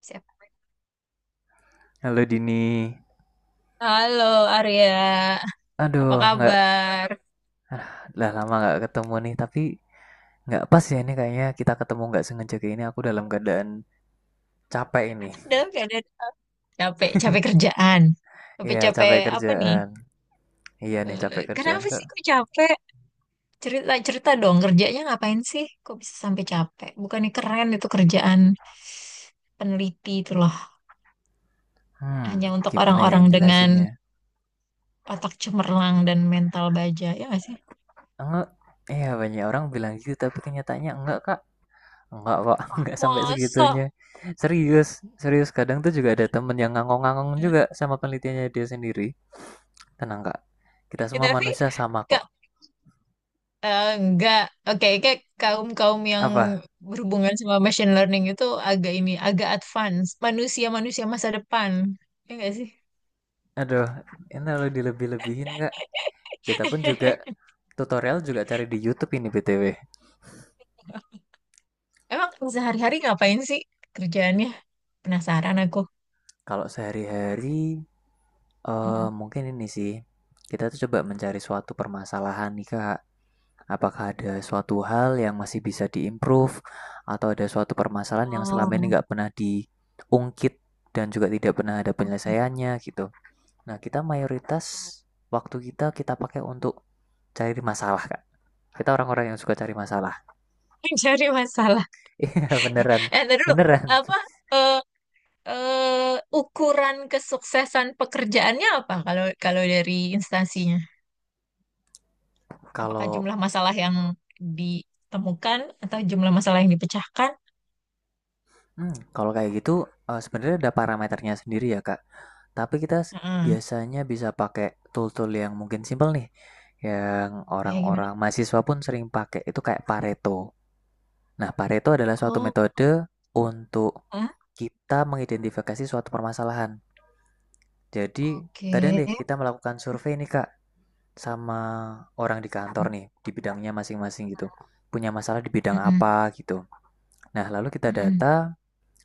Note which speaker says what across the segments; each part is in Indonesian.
Speaker 1: Siap.
Speaker 2: Halo Dini.
Speaker 1: Halo Arya, apa
Speaker 2: Aduh, nggak
Speaker 1: kabar?
Speaker 2: lah lama nggak ketemu nih. Tapi nggak pas ya ini kayaknya kita ketemu nggak sengaja kayak ini. Aku dalam keadaan capek ini.
Speaker 1: Dalam keadaan apa? Capek, capek kerjaan,
Speaker 2: Iya, capek
Speaker 1: capek-capek apa nih?
Speaker 2: kerjaan. Iya nih capek kerjaan
Speaker 1: Kenapa
Speaker 2: kak.
Speaker 1: sih kok capek? Cerita cerita dong kerjanya ngapain sih? Kok bisa sampai capek? Bukannya keren itu kerjaan peneliti itu loh,
Speaker 2: Hmm,
Speaker 1: hanya untuk
Speaker 2: gimana ya
Speaker 1: orang-orang
Speaker 2: yang
Speaker 1: dengan
Speaker 2: jelasin ya?
Speaker 1: otak cemerlang dan mental baja ya nggak sih?
Speaker 2: Enggak. Iya banyak orang bilang gitu, tapi kenyataannya enggak kak. Enggak kok,
Speaker 1: Wah,
Speaker 2: enggak sampai
Speaker 1: masa?
Speaker 2: segitunya. Serius, serius. Kadang tuh juga ada temen yang ngangong-ngangong
Speaker 1: Eh,
Speaker 2: juga sama penelitiannya dia sendiri. Tenang kak, kita semua
Speaker 1: tapi
Speaker 2: manusia sama
Speaker 1: nggak
Speaker 2: kok.
Speaker 1: Eh, enggak, oke, kayak kaum-kaum yang
Speaker 2: Apa?
Speaker 1: berhubungan sama machine learning itu agak ini, agak advance. Manusia-manusia masa depan. Ya enggak sih?
Speaker 2: Aduh, ini kalau dilebih-lebihin nggak? Kita pun juga tutorial juga cari di YouTube ini BTW.
Speaker 1: Emang sehari-hari ngapain sih kerjaannya? Penasaran aku.
Speaker 2: Kalau sehari-hari,
Speaker 1: Mhm.
Speaker 2: mungkin ini sih. Kita tuh coba mencari suatu permasalahan nih Kak. Apakah ada suatu hal yang masih bisa diimprove atau ada suatu permasalahan yang selama ini
Speaker 1: Oh,
Speaker 2: nggak pernah diungkit dan juga tidak pernah ada
Speaker 1: oke.
Speaker 2: penyelesaiannya gitu. Nah, kita mayoritas waktu kita kita pakai untuk cari masalah, Kak. Kita orang-orang yang suka cari masalah.
Speaker 1: Mencari masalah.
Speaker 2: Iya beneran,
Speaker 1: Eh, ntar dulu.
Speaker 2: beneran.
Speaker 1: Apa, eh, ukuran kesuksesan pekerjaannya apa kalau kalau dari instansinya? Apakah
Speaker 2: Kalau
Speaker 1: jumlah masalah yang ditemukan atau jumlah masalah yang dipecahkan?
Speaker 2: kalau kayak gitu, sebenarnya ada parameternya sendiri ya Kak. Tapi kita
Speaker 1: Heeh.
Speaker 2: biasanya bisa pakai tool-tool yang mungkin simpel nih, yang
Speaker 1: Kayak gimana?
Speaker 2: orang-orang mahasiswa pun sering pakai. Itu kayak Pareto. Nah, Pareto adalah suatu
Speaker 1: Oh,
Speaker 2: metode untuk
Speaker 1: hah?
Speaker 2: kita mengidentifikasi suatu permasalahan. Jadi,
Speaker 1: Oke.
Speaker 2: kadang deh kita melakukan survei nih Kak sama orang di kantor nih di bidangnya masing-masing gitu. Punya masalah di bidang
Speaker 1: Heeh.
Speaker 2: apa gitu. Nah, lalu kita
Speaker 1: Heeh.
Speaker 2: data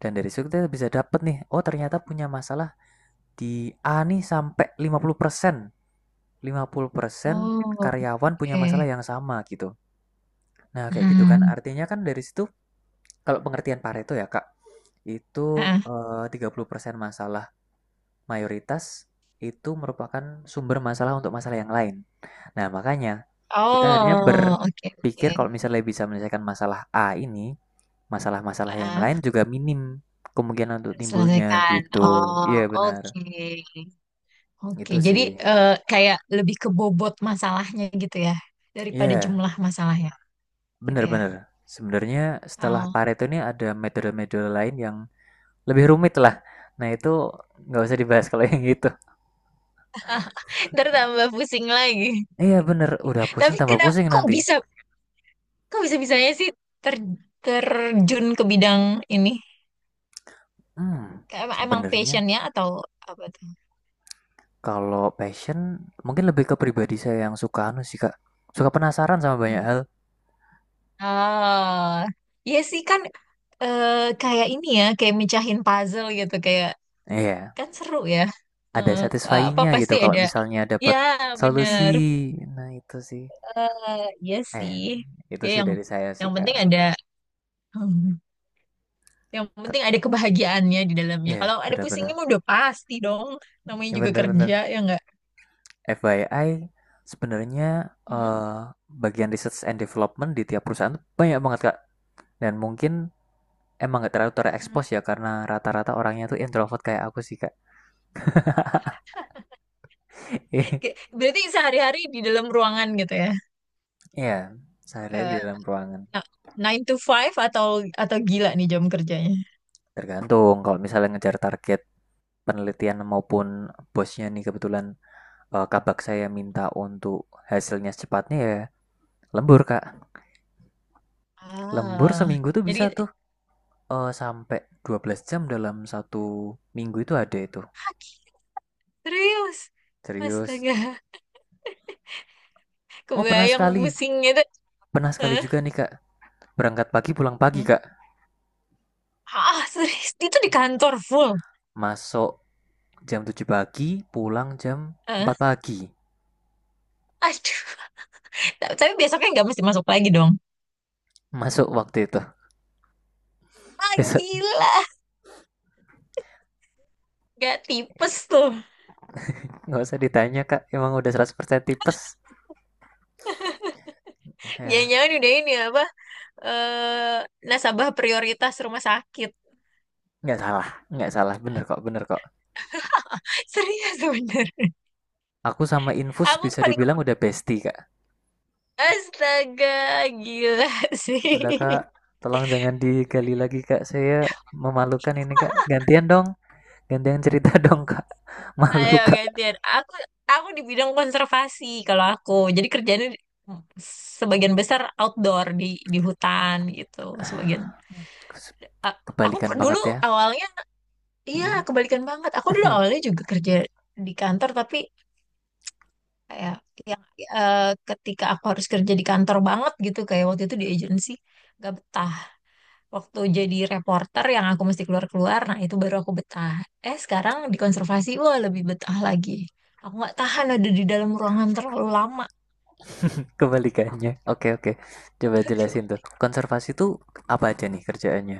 Speaker 2: dan dari situ kita bisa dapat nih, oh ternyata punya masalah di A nih sampai 50%. 50%
Speaker 1: Oh,
Speaker 2: karyawan punya
Speaker 1: oke.
Speaker 2: masalah yang sama gitu. Nah, kayak gitu kan.
Speaker 1: Heeh.
Speaker 2: Artinya kan dari situ kalau pengertian Pareto ya, Kak, itu
Speaker 1: Heeh.
Speaker 2: 30% masalah mayoritas itu merupakan sumber masalah untuk masalah yang lain. Nah, makanya kita akhirnya
Speaker 1: Oh, oke,
Speaker 2: berpikir
Speaker 1: oke.
Speaker 2: kalau misalnya bisa menyelesaikan masalah A ini, masalah-masalah yang
Speaker 1: Heeh.
Speaker 2: lain juga minim kemungkinan untuk timbulnya
Speaker 1: Selesaikan.
Speaker 2: gitu.
Speaker 1: Oh,
Speaker 2: Iya, benar.
Speaker 1: oke. Oke,
Speaker 2: Itu
Speaker 1: jadi
Speaker 2: sih.
Speaker 1: kayak lebih ke bobot masalahnya gitu ya, daripada
Speaker 2: Iya,
Speaker 1: jumlah masalahnya gitu ya.
Speaker 2: benar-benar. Sebenarnya setelah
Speaker 1: Oh.
Speaker 2: Pareto ini ada metode-metode lain yang lebih rumit lah. Nah, itu nggak usah dibahas kalau yang itu.
Speaker 1: Ntar tambah pusing lagi.
Speaker 2: Iya, benar. Udah pusing
Speaker 1: Tapi
Speaker 2: tambah
Speaker 1: kenapa
Speaker 2: pusing
Speaker 1: kok
Speaker 2: nanti.
Speaker 1: bisa kok bisa-bisanya sih ter- terjun ke bidang ini?
Speaker 2: Hmm,
Speaker 1: Emang
Speaker 2: sebenarnya
Speaker 1: passionnya atau apa tuh?
Speaker 2: kalau passion mungkin lebih ke pribadi saya yang suka anu sih, Kak. Suka penasaran sama banyak
Speaker 1: Apa tuh?
Speaker 2: hal.
Speaker 1: Ah, ya sih kan eh, kayak ini ya, kayak mecahin puzzle gitu, kayak
Speaker 2: Iya,
Speaker 1: kan seru ya.
Speaker 2: ada
Speaker 1: Eh, apa
Speaker 2: satisfyingnya
Speaker 1: pasti
Speaker 2: gitu kalau
Speaker 1: ada?
Speaker 2: misalnya
Speaker 1: Ya
Speaker 2: dapat
Speaker 1: bener.
Speaker 2: solusi. Nah, itu sih.
Speaker 1: Eh, ya
Speaker 2: Eh,
Speaker 1: sih.
Speaker 2: itu
Speaker 1: Ya
Speaker 2: sih dari saya sih,
Speaker 1: yang penting
Speaker 2: Kak.
Speaker 1: ada, hmm, yang
Speaker 2: Te-
Speaker 1: penting ada kebahagiaannya di dalamnya.
Speaker 2: Iya,
Speaker 1: Kalau ada
Speaker 2: benar-benar.
Speaker 1: pusingnya mah udah pasti dong. Namanya
Speaker 2: Iya,
Speaker 1: juga
Speaker 2: benar-benar.
Speaker 1: kerja ya enggak.
Speaker 2: FYI, sebenarnya
Speaker 1: Hmm?
Speaker 2: eh, bagian research and development di tiap perusahaan tuh banyak banget, Kak. Dan mungkin emang nggak terlalu
Speaker 1: Hmm.
Speaker 2: terekspos ya karena rata-rata orangnya tuh introvert kayak aku sih, Kak.
Speaker 1: Berarti sehari-hari di dalam ruangan gitu ya.
Speaker 2: Iya, sehari di
Speaker 1: Eh,
Speaker 2: dalam ruangan.
Speaker 1: Nah, Nine to five atau gila nih jam kerjanya?
Speaker 2: Tergantung kalau misalnya ngejar target penelitian maupun bosnya nih kebetulan, kabak saya minta untuk hasilnya secepatnya, ya lembur kak. Lembur
Speaker 1: Ah,
Speaker 2: seminggu tuh
Speaker 1: jadi
Speaker 2: bisa tuh, sampai 12 jam dalam satu minggu itu ada itu.
Speaker 1: kaki serius.
Speaker 2: Serius.
Speaker 1: Astaga,
Speaker 2: Oh pernah
Speaker 1: kebayang
Speaker 2: sekali,
Speaker 1: pusingnya tuh.
Speaker 2: pernah sekali
Speaker 1: Hah?
Speaker 2: juga nih kak, berangkat pagi pulang pagi
Speaker 1: Hmm?
Speaker 2: kak.
Speaker 1: Ah, serius itu di kantor full.
Speaker 2: Masuk jam 7 pagi, pulang jam
Speaker 1: Hah?
Speaker 2: empat pagi
Speaker 1: Aduh, tapi besoknya nggak mesti masuk lagi dong.
Speaker 2: masuk waktu itu.
Speaker 1: Ah,
Speaker 2: Besok
Speaker 1: gila, nggak tipes tuh.
Speaker 2: nggak usah ditanya kak, emang udah 100% tipes, ya ya.
Speaker 1: Jangan-jangan udah ini apa? Eh, nasabah prioritas rumah sakit.
Speaker 2: Nggak salah, nggak salah, bener kok, bener kok.
Speaker 1: Serius bener.
Speaker 2: Aku sama infus
Speaker 1: Aku tuh
Speaker 2: bisa
Speaker 1: paling
Speaker 2: dibilang udah bestie kak.
Speaker 1: astaga, gila
Speaker 2: Udah
Speaker 1: sih.
Speaker 2: Kak, tolong jangan digali lagi Kak. Saya memalukan ini Kak. Gantian dong, gantian cerita dong Kak. Malu
Speaker 1: Ayo
Speaker 2: Kak.
Speaker 1: gantian. Aku di bidang konservasi kalau aku. Jadi sebagian besar outdoor di hutan gitu. Sebagian A- aku
Speaker 2: Kebalikan
Speaker 1: per- dulu
Speaker 2: banget ya.
Speaker 1: awalnya Iya kebalikan banget. Aku dulu awalnya juga kerja di kantor tapi kayak yang eh, ketika aku harus kerja di kantor banget gitu kayak waktu itu di agensi gak betah. Waktu jadi reporter yang aku mesti keluar-keluar, nah itu baru aku betah. Eh sekarang di konservasi, wah lebih betah lagi. Aku nggak tahan ada di dalam ruangan terlalu lama.
Speaker 2: Kebalikannya. Oke oke. Coba jelasin tuh. Konservasi tuh apa aja nih kerjaannya?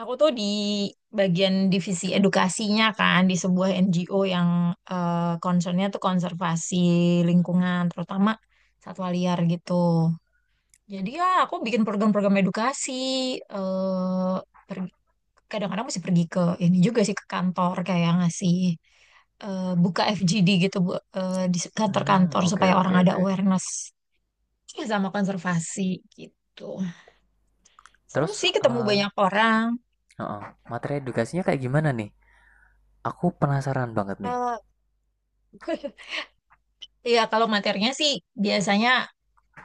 Speaker 1: Aku tuh di bagian divisi edukasinya kan, di sebuah NGO yang concernnya tuh konservasi lingkungan, terutama satwa liar gitu. Jadi ya aku bikin program-program edukasi, eh pergi- kadang-kadang mesti pergi ke ini juga sih ke kantor kayak ngasih buka FGD gitu Bu, di
Speaker 2: Hmm,
Speaker 1: kantor-kantor
Speaker 2: oke
Speaker 1: supaya
Speaker 2: oke
Speaker 1: orang ada
Speaker 2: oke.
Speaker 1: awareness ya sama konservasi gitu. Seru
Speaker 2: Terus,
Speaker 1: sih ketemu
Speaker 2: eh
Speaker 1: banyak orang.
Speaker 2: heeh, materi edukasinya kayak gimana nih? Aku penasaran banget nih.
Speaker 1: Eh, Iya, kalau materinya sih biasanya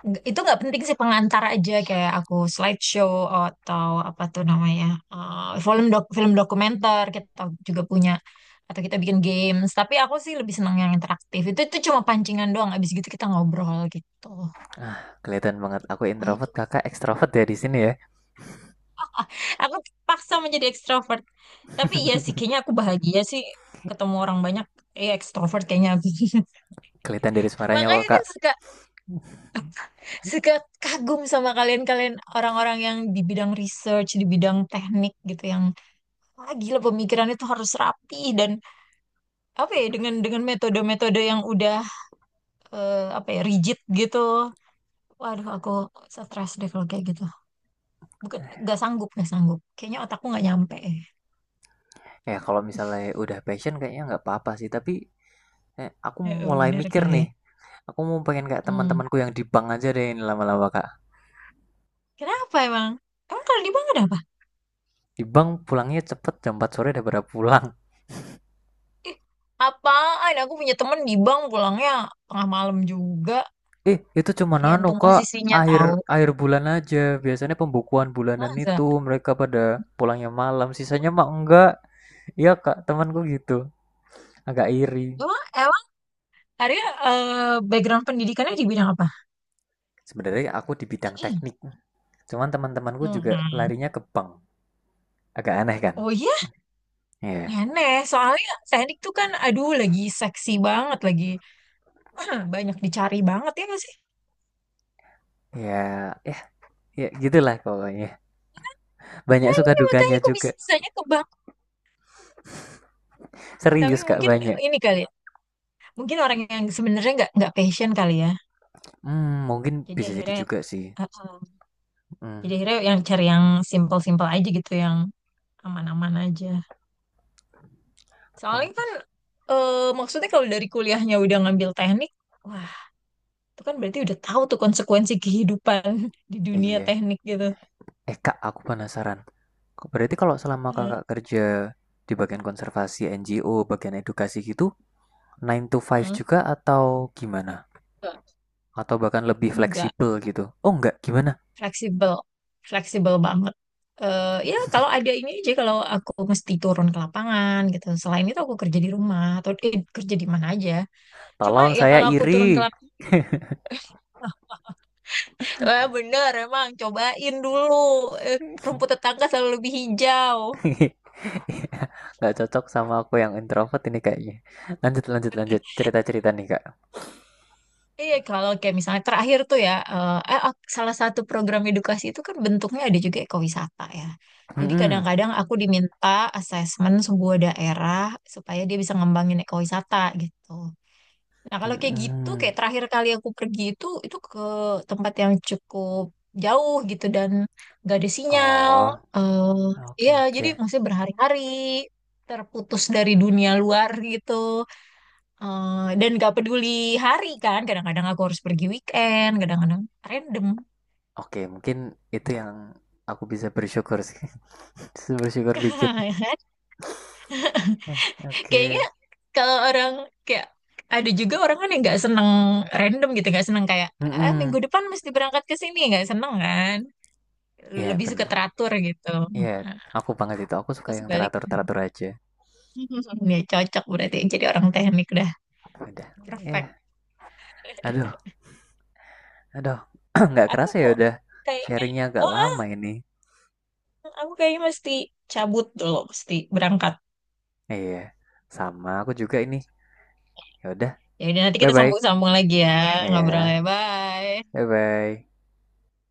Speaker 1: itu nggak penting sih pengantar aja kayak aku slideshow atau apa tuh namanya eh, film dokumenter kita juga punya atau kita bikin games tapi aku sih lebih seneng yang interaktif itu cuma pancingan doang abis gitu kita ngobrol gitu
Speaker 2: Ah, kelihatan banget aku
Speaker 1: gitu
Speaker 2: introvert,
Speaker 1: aja
Speaker 2: kakak ekstrovert ya di sini ya.
Speaker 1: aku paksa menjadi ekstrovert tapi iya sih kayaknya aku bahagia sih ketemu orang banyak ekstrovert kayaknya aku.
Speaker 2: Kelihatan dari suaranya kok,
Speaker 1: Makanya
Speaker 2: Kak.
Speaker 1: kan suka suka kagum sama kalian-kalian orang-orang yang di bidang research di bidang teknik gitu yang wah, gila pemikiran itu harus rapi dan apa ya dengan metode-metode yang udah apa ya rigid gitu. Waduh, aku stres deh kalau kayak gitu. Bukan nggak sanggup, nggak sanggup. Kayaknya otakku nggak nyampe.
Speaker 2: Ya kalau misalnya udah passion kayaknya nggak apa-apa sih, tapi kayak aku
Speaker 1: Ya,
Speaker 2: mulai
Speaker 1: bener
Speaker 2: mikir
Speaker 1: kali ya.
Speaker 2: nih. Aku mau pengen kayak
Speaker 1: Hmm.
Speaker 2: teman-temanku yang di bank aja deh ini lama-lama, Kak.
Speaker 1: Kenapa emang? Emang kalau di bank ada apa?
Speaker 2: Di bank pulangnya cepet jam 4 sore udah pada pulang.
Speaker 1: Ih, apaan? Aku punya temen di bank pulangnya tengah malam juga.
Speaker 2: Eh, itu cuma nano,
Speaker 1: Tergantung
Speaker 2: Kak.
Speaker 1: posisinya
Speaker 2: Akhir
Speaker 1: tahu.
Speaker 2: akhir bulan aja. Biasanya pembukuan bulanan
Speaker 1: Masa?
Speaker 2: itu mereka pada pulangnya malam, sisanya mah enggak. Iya, Kak, temanku gitu. Agak iri.
Speaker 1: Emang Arya background pendidikannya di bidang apa?
Speaker 2: Sebenarnya aku di bidang teknik, cuman teman-temanku juga
Speaker 1: Hmm.
Speaker 2: larinya ke bank. Agak aneh kan?
Speaker 1: Oh iya.
Speaker 2: Iya. Yeah.
Speaker 1: Aneh, soalnya teknik tuh kan aduh lagi seksi banget, lagi ah, banyak dicari banget ya nggak sih?
Speaker 2: Ya, yeah. Ya, gitulah pokoknya. Banyak
Speaker 1: Nah
Speaker 2: suka
Speaker 1: ini makanya
Speaker 2: dukanya
Speaker 1: aku
Speaker 2: juga.
Speaker 1: bisa-bisanya ke bank. Tapi
Speaker 2: Serius Kak,
Speaker 1: mungkin
Speaker 2: banyak.
Speaker 1: ini kali ya, mungkin orang yang sebenarnya nggak passion kali ya.
Speaker 2: Mungkin
Speaker 1: Jadi
Speaker 2: bisa jadi
Speaker 1: akhirnya,
Speaker 2: juga sih.
Speaker 1: uh, uh, jadi
Speaker 2: Hmm,
Speaker 1: akhirnya yang cari yang simple-simple aja gitu, yang aman-aman aja. Soalnya
Speaker 2: kon-
Speaker 1: kan maksudnya kalau dari kuliahnya udah ngambil teknik, wah itu kan berarti udah tahu tuh konsekuensi kehidupan di dunia
Speaker 2: iya.
Speaker 1: teknik gitu.
Speaker 2: Eh Kak, aku penasaran. Berarti kalau selama
Speaker 1: Hmm.
Speaker 2: Kakak kerja di bagian konservasi NGO, bagian edukasi gitu, nine to five
Speaker 1: Hmm.
Speaker 2: juga atau gimana? Atau bahkan lebih
Speaker 1: Enggak.
Speaker 2: fleksibel gitu? Oh enggak, gimana?
Speaker 1: Fleksibel fleksibel banget. Ya kalau ada ini aja kalau aku mesti turun ke lapangan gitu selain itu aku kerja di rumah atau kerja di mana aja cuma
Speaker 2: Tolong
Speaker 1: ya
Speaker 2: saya
Speaker 1: kalau aku turun ke
Speaker 2: iri.
Speaker 1: lapangan wah bener emang cobain dulu. Eh, rumput tetangga selalu lebih hijau.
Speaker 2: Nggak cocok sama aku yang introvert ini kayaknya. Lanjut, lanjut, lanjut. Cerita-cerita nih Kak.
Speaker 1: Iya, kalau kayak misalnya terakhir tuh ya, salah satu program edukasi itu kan bentuknya ada juga ekowisata ya. Jadi
Speaker 2: Mm-mm.
Speaker 1: kadang-kadang aku diminta asesmen sebuah daerah supaya dia bisa ngembangin ekowisata gitu. Nah, kalau kayak gitu, kayak
Speaker 2: Mm-mm.
Speaker 1: terakhir kali aku pergi itu ke tempat yang cukup jauh gitu dan gak ada sinyal.
Speaker 2: Oh,
Speaker 1: eh
Speaker 2: oke
Speaker 1: iya,
Speaker 2: oke.
Speaker 1: jadi masih berhari-hari terputus dari dunia luar gitu. Dan gak peduli hari kan, kadang-kadang aku harus pergi weekend, kadang-kadang random.
Speaker 2: Oke, mungkin itu yang aku bisa bersyukur sih. Bisa bersyukur dikit. Eh,
Speaker 1: Kayaknya
Speaker 2: Oke.
Speaker 1: kalau orang kayak ada juga orang kan yang nggak seneng random gitu, nggak seneng kayak ah,
Speaker 2: Mm-mm.
Speaker 1: minggu depan mesti berangkat ke sini, nggak seneng kan?
Speaker 2: Iya,
Speaker 1: Lebih suka
Speaker 2: bener.
Speaker 1: teratur gitu.
Speaker 2: Iya, aku banget itu. Aku suka
Speaker 1: Aku
Speaker 2: yang
Speaker 1: sebaliknya.
Speaker 2: teratur-teratur aja.
Speaker 1: Ya cocok berarti jadi orang teknik dah.
Speaker 2: Udah. Iya.
Speaker 1: Perfect.
Speaker 2: Aduh, aduh. Nggak
Speaker 1: Aku
Speaker 2: kerasa ya udah
Speaker 1: kayaknya
Speaker 2: sharingnya agak
Speaker 1: oh, ah,
Speaker 2: lama ini.
Speaker 1: aku kayaknya mesti cabut dulu, mesti berangkat.
Speaker 2: Iya. Sama aku juga ini. Ya udah.
Speaker 1: Ya udah nanti kita
Speaker 2: Bye-bye.
Speaker 1: sambung-sambung lagi ya.
Speaker 2: Iya.
Speaker 1: Ngobrolnya bye.
Speaker 2: Bye-bye.